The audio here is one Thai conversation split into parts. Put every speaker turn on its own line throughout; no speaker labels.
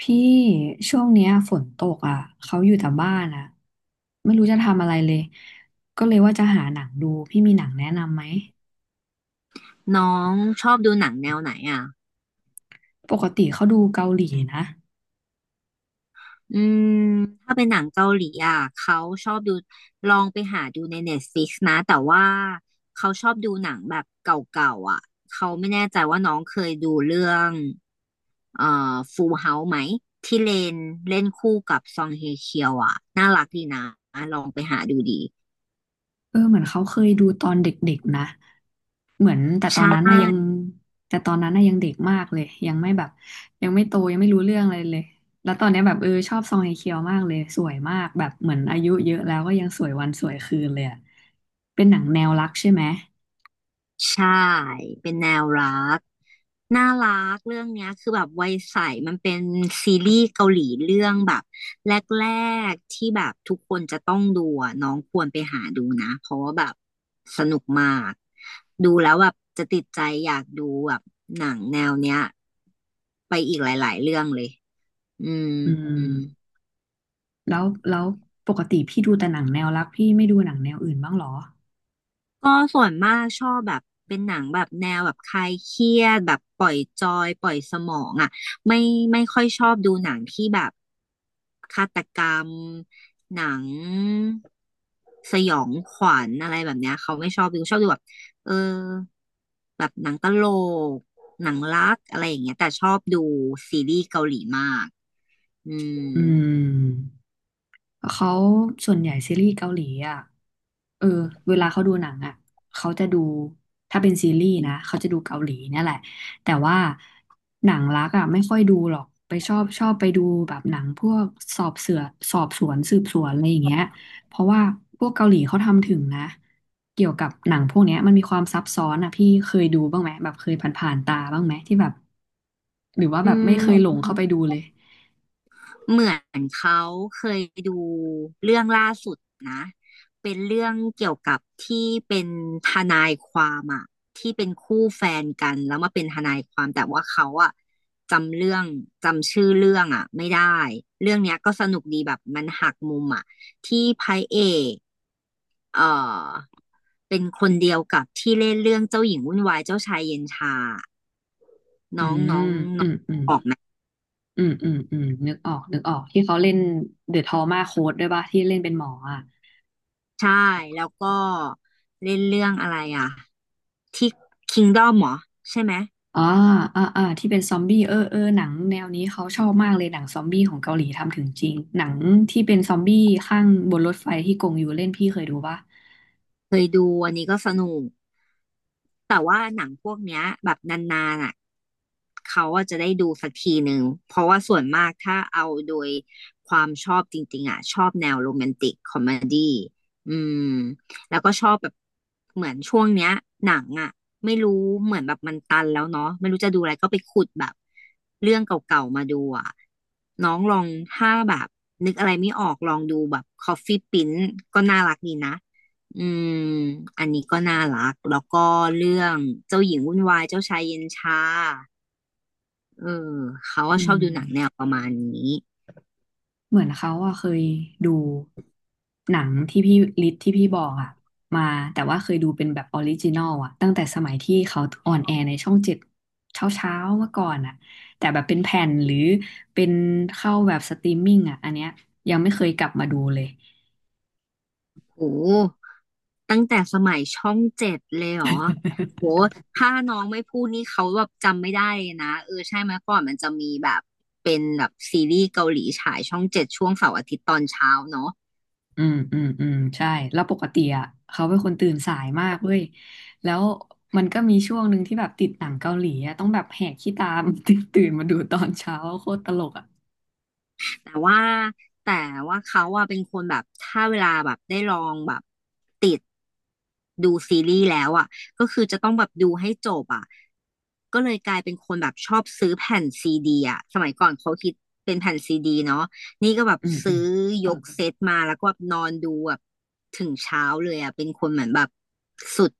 พี่ช่วงเนี้ยฝนตกอ่ะเขาอยู่แต่บ้านอ่ะไม่รู้จะทำอะไรเลยก็เลยว่าจะหาหนังดูพี่มีหนังแนะนำไหม
น้องชอบดูหนังแนวไหนอ่ะ
ปกติเขาดูเกาหลีนะ
อืมถ้าเป็นหนังเกาหลีอ่ะเขาชอบดูลองไปหาดูใน Netflix นะแต่ว่าเขาชอบดูหนังแบบเก่าๆอ่ะเขาไม่แน่ใจว่าน้องเคยดูเรื่องเอ่ฟูลเฮาไหมที่เลนเล่นคู่กับซองเฮเคียวอ่ะน่ารักดีนะลองไปหาดูดี
เออเหมือนเขาเคยดูตอนเด็กๆนะเหมือน
ใช่
แต่ตอนนั้นนะยังเด็กมากเลยยังไม่แบบยังไม่โตยังไม่รู้เรื่องอะไรเลยแล้วตอนเนี้ยแบบเออชอบซองเฮเคียวมากเลยสวยมากแบบเหมือนอายุเยอะแล้วก็ยังสวยวันสวยคืนเลยอะเป็นหนังแนวรักใช่ไหม
ใช่เป็นแนวรักน่ารักเรื่องเนี้ยคือแบบวัยใสมันเป็นซีรีส์เกาหลีเรื่องแบบแรกๆที่แบบทุกคนจะต้องดูอะน้องควรไปหาดูนะเพราะว่าแบบสนุกมากดูแล้วแบบจะติดใจอยากดูแบบหนังแนวเนี้ยไปอีกหลายๆเรื่องเลยอื
อื
ม
ม แล้วแล้วปกติพี่ดูแต่หนังแนวรักพี่ไม่ดูหนังแนวอื่นบ้างเหรอ
ก็ส่วนมากชอบแบบเป็นหนังแบบแนวแบบคลายเครียดแบบปล่อยจอยปล่อยสมองอ่ะไม่ไม่ค่อยชอบดูหนังที่แบบฆาตกรรมหนังสยองขวัญอะไรแบบเนี้ยเขาไม่ชอบดูชอบดูแบบเออแบบหนังตลกหนังรักอะไรอย่างเงี้ยแต่ชอบดูซีรีส์เกาหลีมากอืม
อืมเขาส่วนใหญ่ซีรีส์เกาหลีอ่ะเออเวลาเขาดูหนังอ่ะเขาจะดูถ้าเป็นซีรีส์นะเขาจะดูเกาหลีเนี่ยแหละแต่ว่าหนังรักอ่ะไม่ค่อยดูหรอกไปชอบไปดูแบบหนังพวกสอบเสือสอบสวนสืบสวนอะไรอย่างเงี้ยเพราะว่าพวกเกาหลีเขาทำถึงนะเกี่ยวกับหนังพวกเนี้ยมันมีความซับซ้อนอ่ะพี่เคยดูบ้างไหมแบบเคยผ่านๆตาบ้างไหมที่แบบ หรือว่าแบ
อื
บไม่เคยหลง
ม
เข้าไปดูเลย
เหมือนเขาเคยดูเรื่องล่าสุดนะเป็นเรื่องเกี่ยวกับที่เป็นทนายความอะที่เป็นคู่แฟนกันแล้วมาเป็นทนายความแต่ว่าเขาอะจำเรื่องจำชื่อเรื่องอะไม่ได้เรื่องเนี้ยก็สนุกดีแบบมันหักมุมอะที่พระเอกเอ่อเป็นคนเดียวกับที่เล่นเรื่องเจ้าหญิงวุ่นวายเจ้าชายเย็นชา
อื
น้องน้อ
ม
ง
อื
น้อ
ม
ง
อืม
ออกไหม
อืมอืมอืมนึกออกนึกออก ที่เขาเล่นเดอะทอมาโค้ดด้วยป่ะที่เล่นเป็นหมออ่ะ
ใช่แล้วก็เล่นเรื่องอะไรอะ ที่คิงด้อมเหรอใช่ไหม
อ่าอ่าที่เป็นซอมบี้เออเออหนังแนวนี้เขาชอบมากเลยหนังซอมบี้ของเกาหลีทำถึงจริง หนังที่เป็นซอมบี้ข้างบนรถไฟที่กงอยู่เล่นพี่เคยดูป่ะ
เคยดูอันนี้ก็สนุก แต่ว่าหนังพวกเนี้ยแบบนานๆอ่ะเขาอะจะได้ดูสักทีหนึ่งเพราะว่าส่วนมากถ้าเอาโดยความชอบจริงๆอ่ะชอบแนวโรแมนติกคอมเมดี้อืมแล้วก็ชอบแบบเหมือนช่วงเนี้ยหนังอ่ะไม่รู้เหมือนแบบมันตันแล้วเนาะไม่รู้จะดูอะไรก็ไปขุดแบบเรื่องเก่าๆมาดูอ่ะน้องลองถ้าแบบนึกอะไรไม่ออกลองดูแบบ Coffee Prince ก็น่ารักดีนะ อืมอันนี้ก็น่ารัก แล้วก็เรื่องเจ้าหญิงวุ่นวาย เจ้าชายเย็นชาเออเขาก็
อื
ชอบ
ม
ดูหนังแนวประมาณนี้
เหมือนเขาอะเคยดูหนังที่พี่ลิทที่พี่บอกอะมาแต่ว่าเคยดูเป็นแบบออริจินอลอะตั้งแต่สมัยที่เขาออนแอร์ในช่องเจ็ดเช้าเช้าเมื่อก่อนอะแต่แบบเป็นแผ่นหรือเป็นเข้าแบบสตรีมมิ่งอะอันเนี้ยยังไม่เคยกลับมาดูเลย
โหตั้งแต่สมัยช่องเจ็ดเลยเหรอโหถ้าน้องไม่พูดนี่เขาแบบจำไม่ได้เลยนะ เออใช่ไหมก่อนมันจะมีแบบเป็นแบบซีรีส์เกาหลีฉายช่องเจ็ดช่วงเสาร์อาทิตย์ตอนเช้าเนาะ
อืมอืมอืมใช่แล้วปกติอ่ะเขาเป็นคนตื่นสายมากเว้ยแล้วมันก็มีช่วงหนึ่งที่แบบติดหนังเกาหลีอ่ะต้องแบบแหกขี้ตาม ตื่นมาดูตอนเช้าโคตรตลกอ่ะ
แต่ว่าแต่ว่าเขาอะเป็นคนแบบถ้าเวลาแบบได้ลองแบบติดดูซีรีส์แล้วอะก็คือจะต้องแบบดูให้จบอะก็เลยกลายเป็นคนแบบชอบซื้อแผ่นซีดีอะสมัยก่อนเขาคิดเป็นแผ่นซีดีเนาะนี่ก็แบบ
อืมอืม
ซื้อยกเซตมาแล้วก็แบบนอนดูแบบถึงเช้าเลยอะเป็นคนเหมือนแบบสุด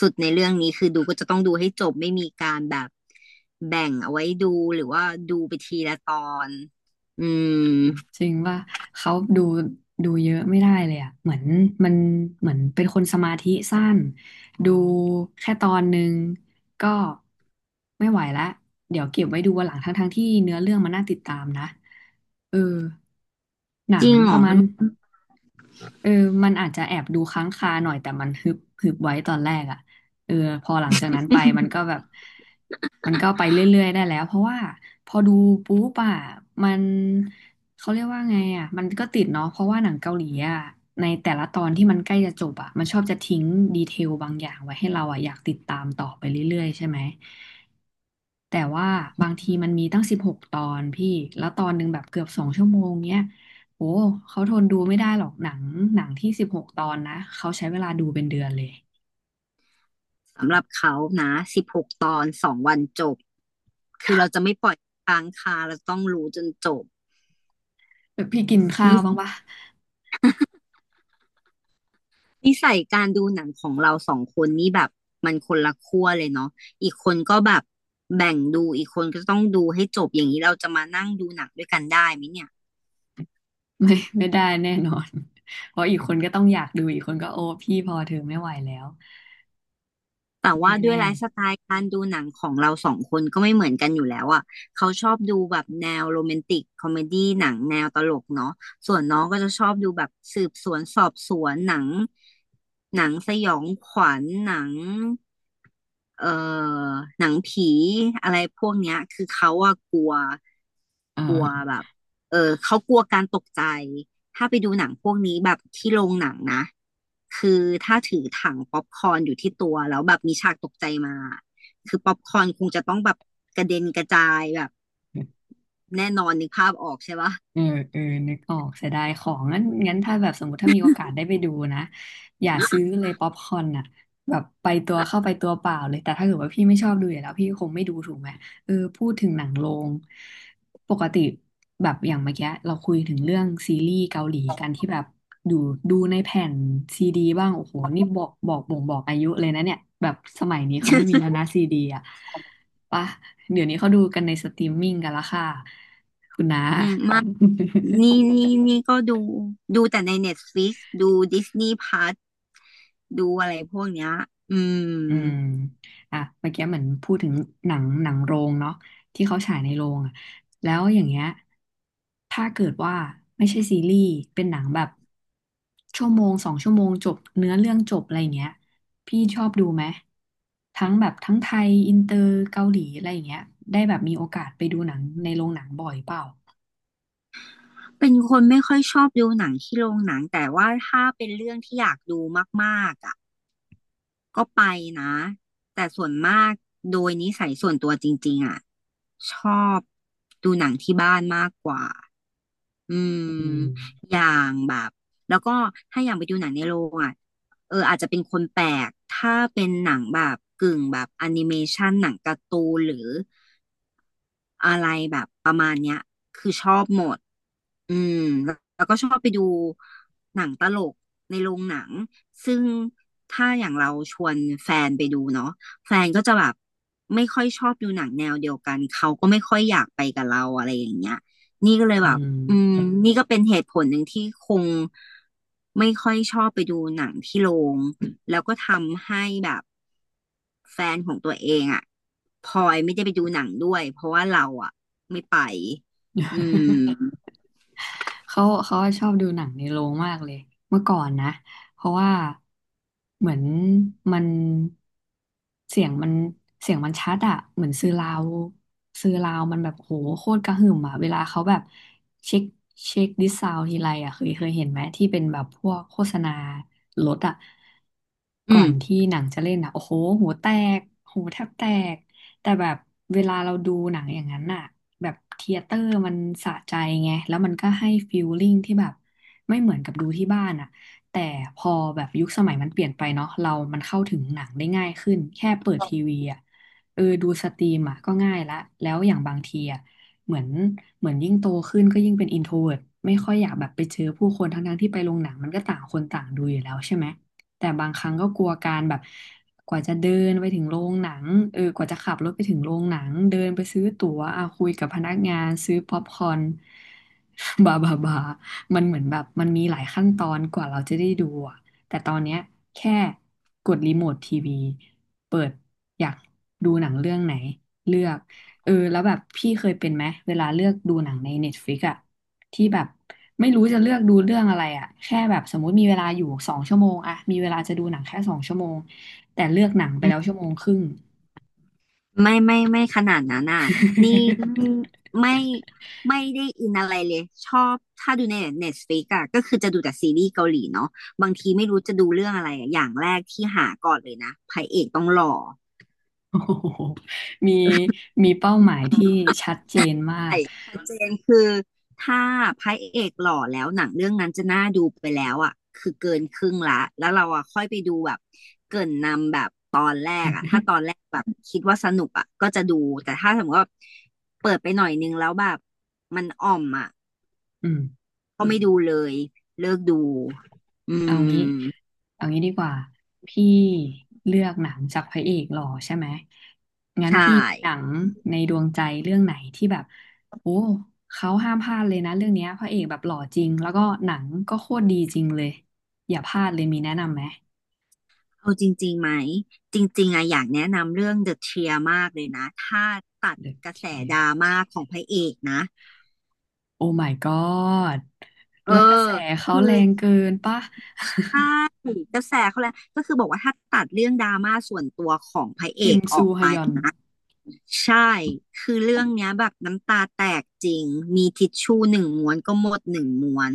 สุดในเรื่องนี้คือดูก็จะต้องดูให้จบไม่มีการแบบแบ่งเอาไว้ดูหรือว่าดูไปทีละตอนอืม
จริงว่าเขาดูเยอะไม่ได้เลยอ่ะเหมือนมันเหมือนเป็นคนสมาธิสั้นดูแค่ตอนหนึ่งก็ไม่ไหวละเดี๋ยวเก็บไว้ดูวันหลังทั้งๆที่เนื้อเรื่องมันน่าติดตามนะเออหนั
จ
ง
ริงเหร
ป
อ
ระมาณ เออมันอาจจะแอบดูค้างคาหน่อยแต่มันฮึบฮึบไว้ตอนแรกอ่ะเออพอหลังจากนั้นไปมันก็แบบมันก็ไปเรื่อยๆได้แล้วเพราะว่าพอดูปุ๊บอ่ะมันเขาเรียกว่าไงอ่ะมันก็ติดเนาะเพราะว่าหนังเกาหลีอ่ะในแต่ละตอนที่มันใกล้จะจบอ่ะมันชอบจะทิ้งดีเทลบางอย่างไว้ให้เราอ่ะอยากติดตามต่อไปเรื่อยๆใช่ไหมแต่ว่าบางทีมันมีตั้งสิบหกตอนพี่แล้วตอนหนึ่งแบบเกือบสองชั่วโมงเนี้ย โอ้ เขาทนดูไม่ได้หรอกหนังที่สิบหกตอนนะเขาใช้เวลาดูเป็นเดือนเลย
สำหรับเขานะ16ตอน2 วันจบคือเราจะไม่ปล่อยค้างคาเราต้องรู้จนจบ
แบบพี่กินข้าวบ้าง
นิ
ปะ
นิสัยการดูหนังของเราสองคนนี่แบบมันคนละขั้วเลยเนาะอีกคนก็แบบแบ่งดูอีกคนก็ต้องดูให้จบอย่างนี้เราจะมานั่งดูหนังด้วยกันได้ไหมเนี่ย
ไม่ไม่ได้แน่นอน เพราะอีกคนก็ต้องอยากดูอีกคนก็โอ้พี่พอเธอไม่ไหวแล้ว
แต่
แน่
ว่าด้วย
แน่
ไลฟ์สไตล์การดูหนังของเราสองคนก็ไม่เหมือนกันอยู่แล้วอ่ะเขาชอบดูแบบแนวโรแมนติกคอมเมดี้หนังแนวตลกเนาะส่วนน้องก็จะชอบดูแบบสืบสวนสอบสวนหนังหนังสยองขวัญหนัง เอ่อหนังผีอะไรพวกเนี้ยคือเขาอะกลัว
เอ
กลัวแบ
อ
บเออเขากลัวการตกใจถ้าไปดูหนังพวกนี้แบบที่โรงหนังนะคือถ้าถือถังป๊อปคอร์นอยู่ที่ตัวแล้วแบบมีฉากตกใจมาคือป๊อปคอร์นคงจะต้องแบบกระเด็นกระจายแบบแน่นอนนึกภาพออกใช่ปะ
เออเออนึกออกเสียดายของงั้นงั้นถ้า
อ
แบบสมมติถ้ามีโอกาสได้ไปดูนะอย่าซื้อเลยป๊อปคอร์นอ่ะแบบไปตัวเข้าไปตัวเปล่าเลยแต่ถ้าเกิดว่าพี่ไม่ชอบดูอยู่แล้วพี่คงไม่ดูถูกไหมเออพูดถึงหนังโรงปกติแบบอย่างเมื่อกี้เราคุยถึงเรื่องซีรีส์เกาหลีกันที่แบบดูดูในแผ่นซีดีบ้างโอ้โหนี่บอกบอกบ่งบอกอายุเลยนะเนี่ยแบบสมัยนี้เขาไม่มีแล้วนะซีดีอ่ะปะเดี๋ยวนี้เขาดูกันในสตรีมมิ่งกันละค่ะคุณน้า
ืม มากนี่ นี่นี่ก็ดูแต่ใน Netflix ดู Disney Plus ดูอะไรพวกเนี้ยอืม
อืมอ่ะเมื่อกี้เหมือนพูดถึงหนังโรงเนาะที่เขาฉายในโรงอ่ะแล้วอย่างเงี้ยถ้าเกิดว่าไม่ใช่ซีรีส์เป็นหนังแบบชั่วโมงสองชั่วโมงจบเนื้อเรื่องจบอะไรเงี้ยพี่ชอบดูไหมทั้งแบบทั้งไทยอินเตอร์เกาหลีอะไรเงี้ยได้แบบมีโอกาสไปดูหนังในโรงหนังบ่อยเปล่า
เป็นคนไม่ค่อยชอบดูหนังที่โรงหนังแต่ว่าถ้าเป็นเรื่องที่อยากดูมากๆอ่ะก็ไปนะแต่ส่วนมากโดยนิสัยส่วนตัวจริงๆอ่ะชอบดูหนังที่บ้านมากกว่าอืม
อืม
อย่างแบบแล้วก็ถ้าอย่างไปดูหนังในโรงอ่ะเอออาจจะเป็นคนแปลกถ้าเป็นหนังแบบกึ่งแบบแอนิเมชันหนังการ์ตูนหรืออะไรแบบประมาณเนี้ยคือชอบหมด อืมแล้วก็ชอบไปดูหนังตลกในโรงหนังซึ่งถ้าอย่างเราชวนแฟนไปดูเนาะแฟนก็จะแบบไม่ค่อยชอบดูหนังแนวเดียวกันเขาก็ไม่ค่อยอยากไปกับเราอะไรอย่างเงี้ยนี่ก็เลย
อื
แบบอืม
ม
นี่ก็เป็นเหตุผลหนึ่งที่คงไม่ค่อยชอบไปดูหนังที่โรงแล้วก็ทำให้แบบแฟนของตัวเองอะพลอยไม่ได้ไปดูหนังด้วยเพราะว่าเราอะไม่ไปอืม
เขาชอบดูหนังในโรงมากเลยเมื่อก่อนนะเพราะว่าเหมือนมันเสียงมันเสียงมันชัดอะเหมือนซื้อราวมันแบบโหโคตรกระหึ่มอะเวลาเขาแบบเช็คเช็คดิสซาวทีไรอะเคยเห็นไหมที่เป็นแบบพวกโฆษณารถอะ
อื
ก่อ
ม
นที่หนังจะเล่นอะโอ้โหหูแตกหูแทบแตก แต่แบบเวลาเราดูหนังอย่างนั้นน่ะแบบเธียเตอร์มันสะใจไงแล้วมันก็ให้ฟีลลิ่งที่แบบไม่เหมือนกับดูที่บ้านอ่ะแต่พอแบบยุคสมัยมันเปลี่ยนไปเนาะเรามันเข้าถึงหนังได้ง่ายขึ้นแค่เปิดทีวีอ่ะเออดูสตรีมอ่ะก็ง่ายละแล้วอย่างบางทีอ่ะเหมือนเหมือนยิ่งโตขึ้นก็ยิ่งเป็นอินโทรเวิร์ตไม่ค่อยอยากแบบไปเจอผู้คนทั้งๆที่ไปโรงหนังมันก็ต่างคนต่างดูอยู่แล้วใช่ไหมแต่บางครั้งก็กลัวการแบบ กว่าจะเดินไปถึงโรงหนังเออกว่าจะขับรถไปถึงโรงหนัง เดินไปซื้อตั๋วอ่ะคุยกับพนักงานซื้อป๊อปคอร์น บาบาบามันเหมือนแบบมันมีหลายขั้นตอนกว่าเราจะได้ดูอะแต่ตอนเนี้ยแค่กดรีโมททีวี เปิดอยากดูหนังเรื่องไหน เลือกเออแล้วแบบพี่เคยเป็นไหม เวลาเลือกดูหนังใน Netflix อะ ที่แบบไม่รู้จะเลือกดูเรื่องอะไรอะแค่แบบสมมุติมีเวลาอยู่สองชั่วโมงอะมีเวลาจะดูหนังแค่สองชั่วโมงแต่เลือกหนังไปแล้วชั่วโมงครึ่ง
ไม่ขนาดนั้นอ่ะนี่ไม่ไม่ได้อินอะไรเลยชอบถ้าดูใน Netflix อะก็คือจะดูแต่ซีรีส์เกาหลีเนาะบางทีไม่รู้จะดูเรื่องอะไรอะอย่างแรกที่หาก่อนเลยนะพระเอกต้องหล่อ
โอ้โหมีมีเป้าหมายที่ชัดเจนมาก
ใช่ชัดเจนคือถ้าพระเอกหล่อแล้วหนังเรื่องนั้นจะน่าดูไปแล้วอ่ะคือเกินครึ่งละแล้วเราอ่ะค่อยไปดูแบบเกริ่นนำแบบตอนแรกอ่ะถ้าตอนแรกแบบคิดว่าสนุกอ่ะก็จะดูแต่ถ้าสมมติว่าเปิดไปหน่อยนึงแล้วแบบมันอ่อมอ่ะ
อืม
ก็ไม่ดูเลยเลิกดูอื
เอางี้
ม
เอางี้ดีกว่าพี่เลือกหนังจากพระเอกหล่อใช่ไหมงั้น
ใช่
พี่มีหนังในดวงใจเรื่องไหนที่แบบโอ้เขาห้ามพลาดเลยนะเรื่องเนี้ยพระเอกแบบหล่อจริงแล้วก็หนังก็โคตรดีจริงเลยอย่าพลาดเลยมีแนะนำไหม
เอาจริงๆไหมจริงๆอะอยากแนะนำเรื่อง The Tear มากเลยนะถ้าตัด
เดอะ
กระแส
เทีย
ด
ร์
ราม่าของพระเอกนะ
โอ้ my god
เออ
และกระแสเขา
คือ
แรงเกินป่ะ
ใช่กระแสเขาแหละก็คือบอกว่าถ้าตัดเรื่องดราม่าส่วนตัวของพระ เอ
คิม
กอ
ซู
อก
ฮ
ไป
ยอน
ใช่คือเรื่องเนี้ยแบบน้ำตาแตกจริงมีทิชชู่หนึ่งม้วนก็หมดหนึ่งม้วน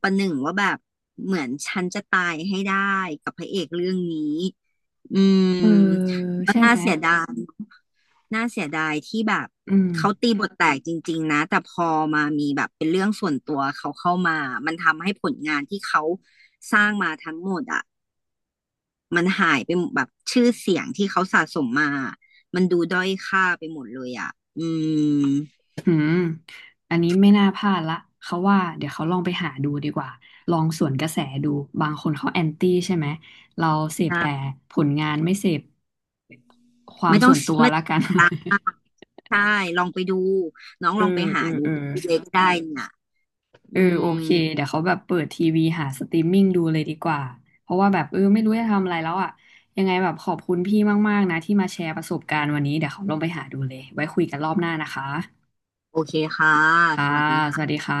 ประหนึ่งว่าแบบเหมือนฉันจะตายให้ได้กับพระเอกเรื่องนี้อืม
เออ
ก็
ใช่
น่า
ไหม
เสียดาย น่าเสียดายที่แบบ
อืม
เขาตีบทแตกจริงๆนะแต่พอมามีแบบเป็นเรื่องส่วนตัวเขาเข้ามามันทำให้ผลงานที่เขาสร้างมาทั้งหมดอ่ะมันหายไปหมดแบบชื่อเสียงที่เขาสะสมมามันดูด้อยค่าไปหมดเลยอ่ะอืม
อืมอันนี้ไม่น่าพลาดละเขาว่าเดี๋ยวเขาลองไปหาดูดีกว่าลองสวนกระแสดูบางคนเขาแอนตี้ใช่ไหมเราเสพแต่
ใช่
ผลงานไม่เสพความ
ไม่ต้อ
ส่
ง
วนตัว
ไม่
ละกัน
ดังมากใช่ลองไปดูน้อง
เอ
ลองไป
อ
หา
เออ
ดู
เอ
ไป
อ
ดูเลยก็ได้เนี่ย
เออ
อื
โอเค
ม
เดี๋ยวเขาแบบเปิดทีวีหาสตรีมมิ่งดูเลยดีกว่า เพราะว่าแบบเออไม่รู้จะทำอะไรแล้วอ่ะยังไงแบบขอบคุณพี่มากๆนะที่มาแชร์ประสบการณ์วันนี้เดี๋ยวเขาลองไปหาดูเลยไว้คุยกันรอบหน้านะคะ
โอเคค่ะส
ค่ะ
วัสดี
ส
ค่ะ
วัสดีค่ะ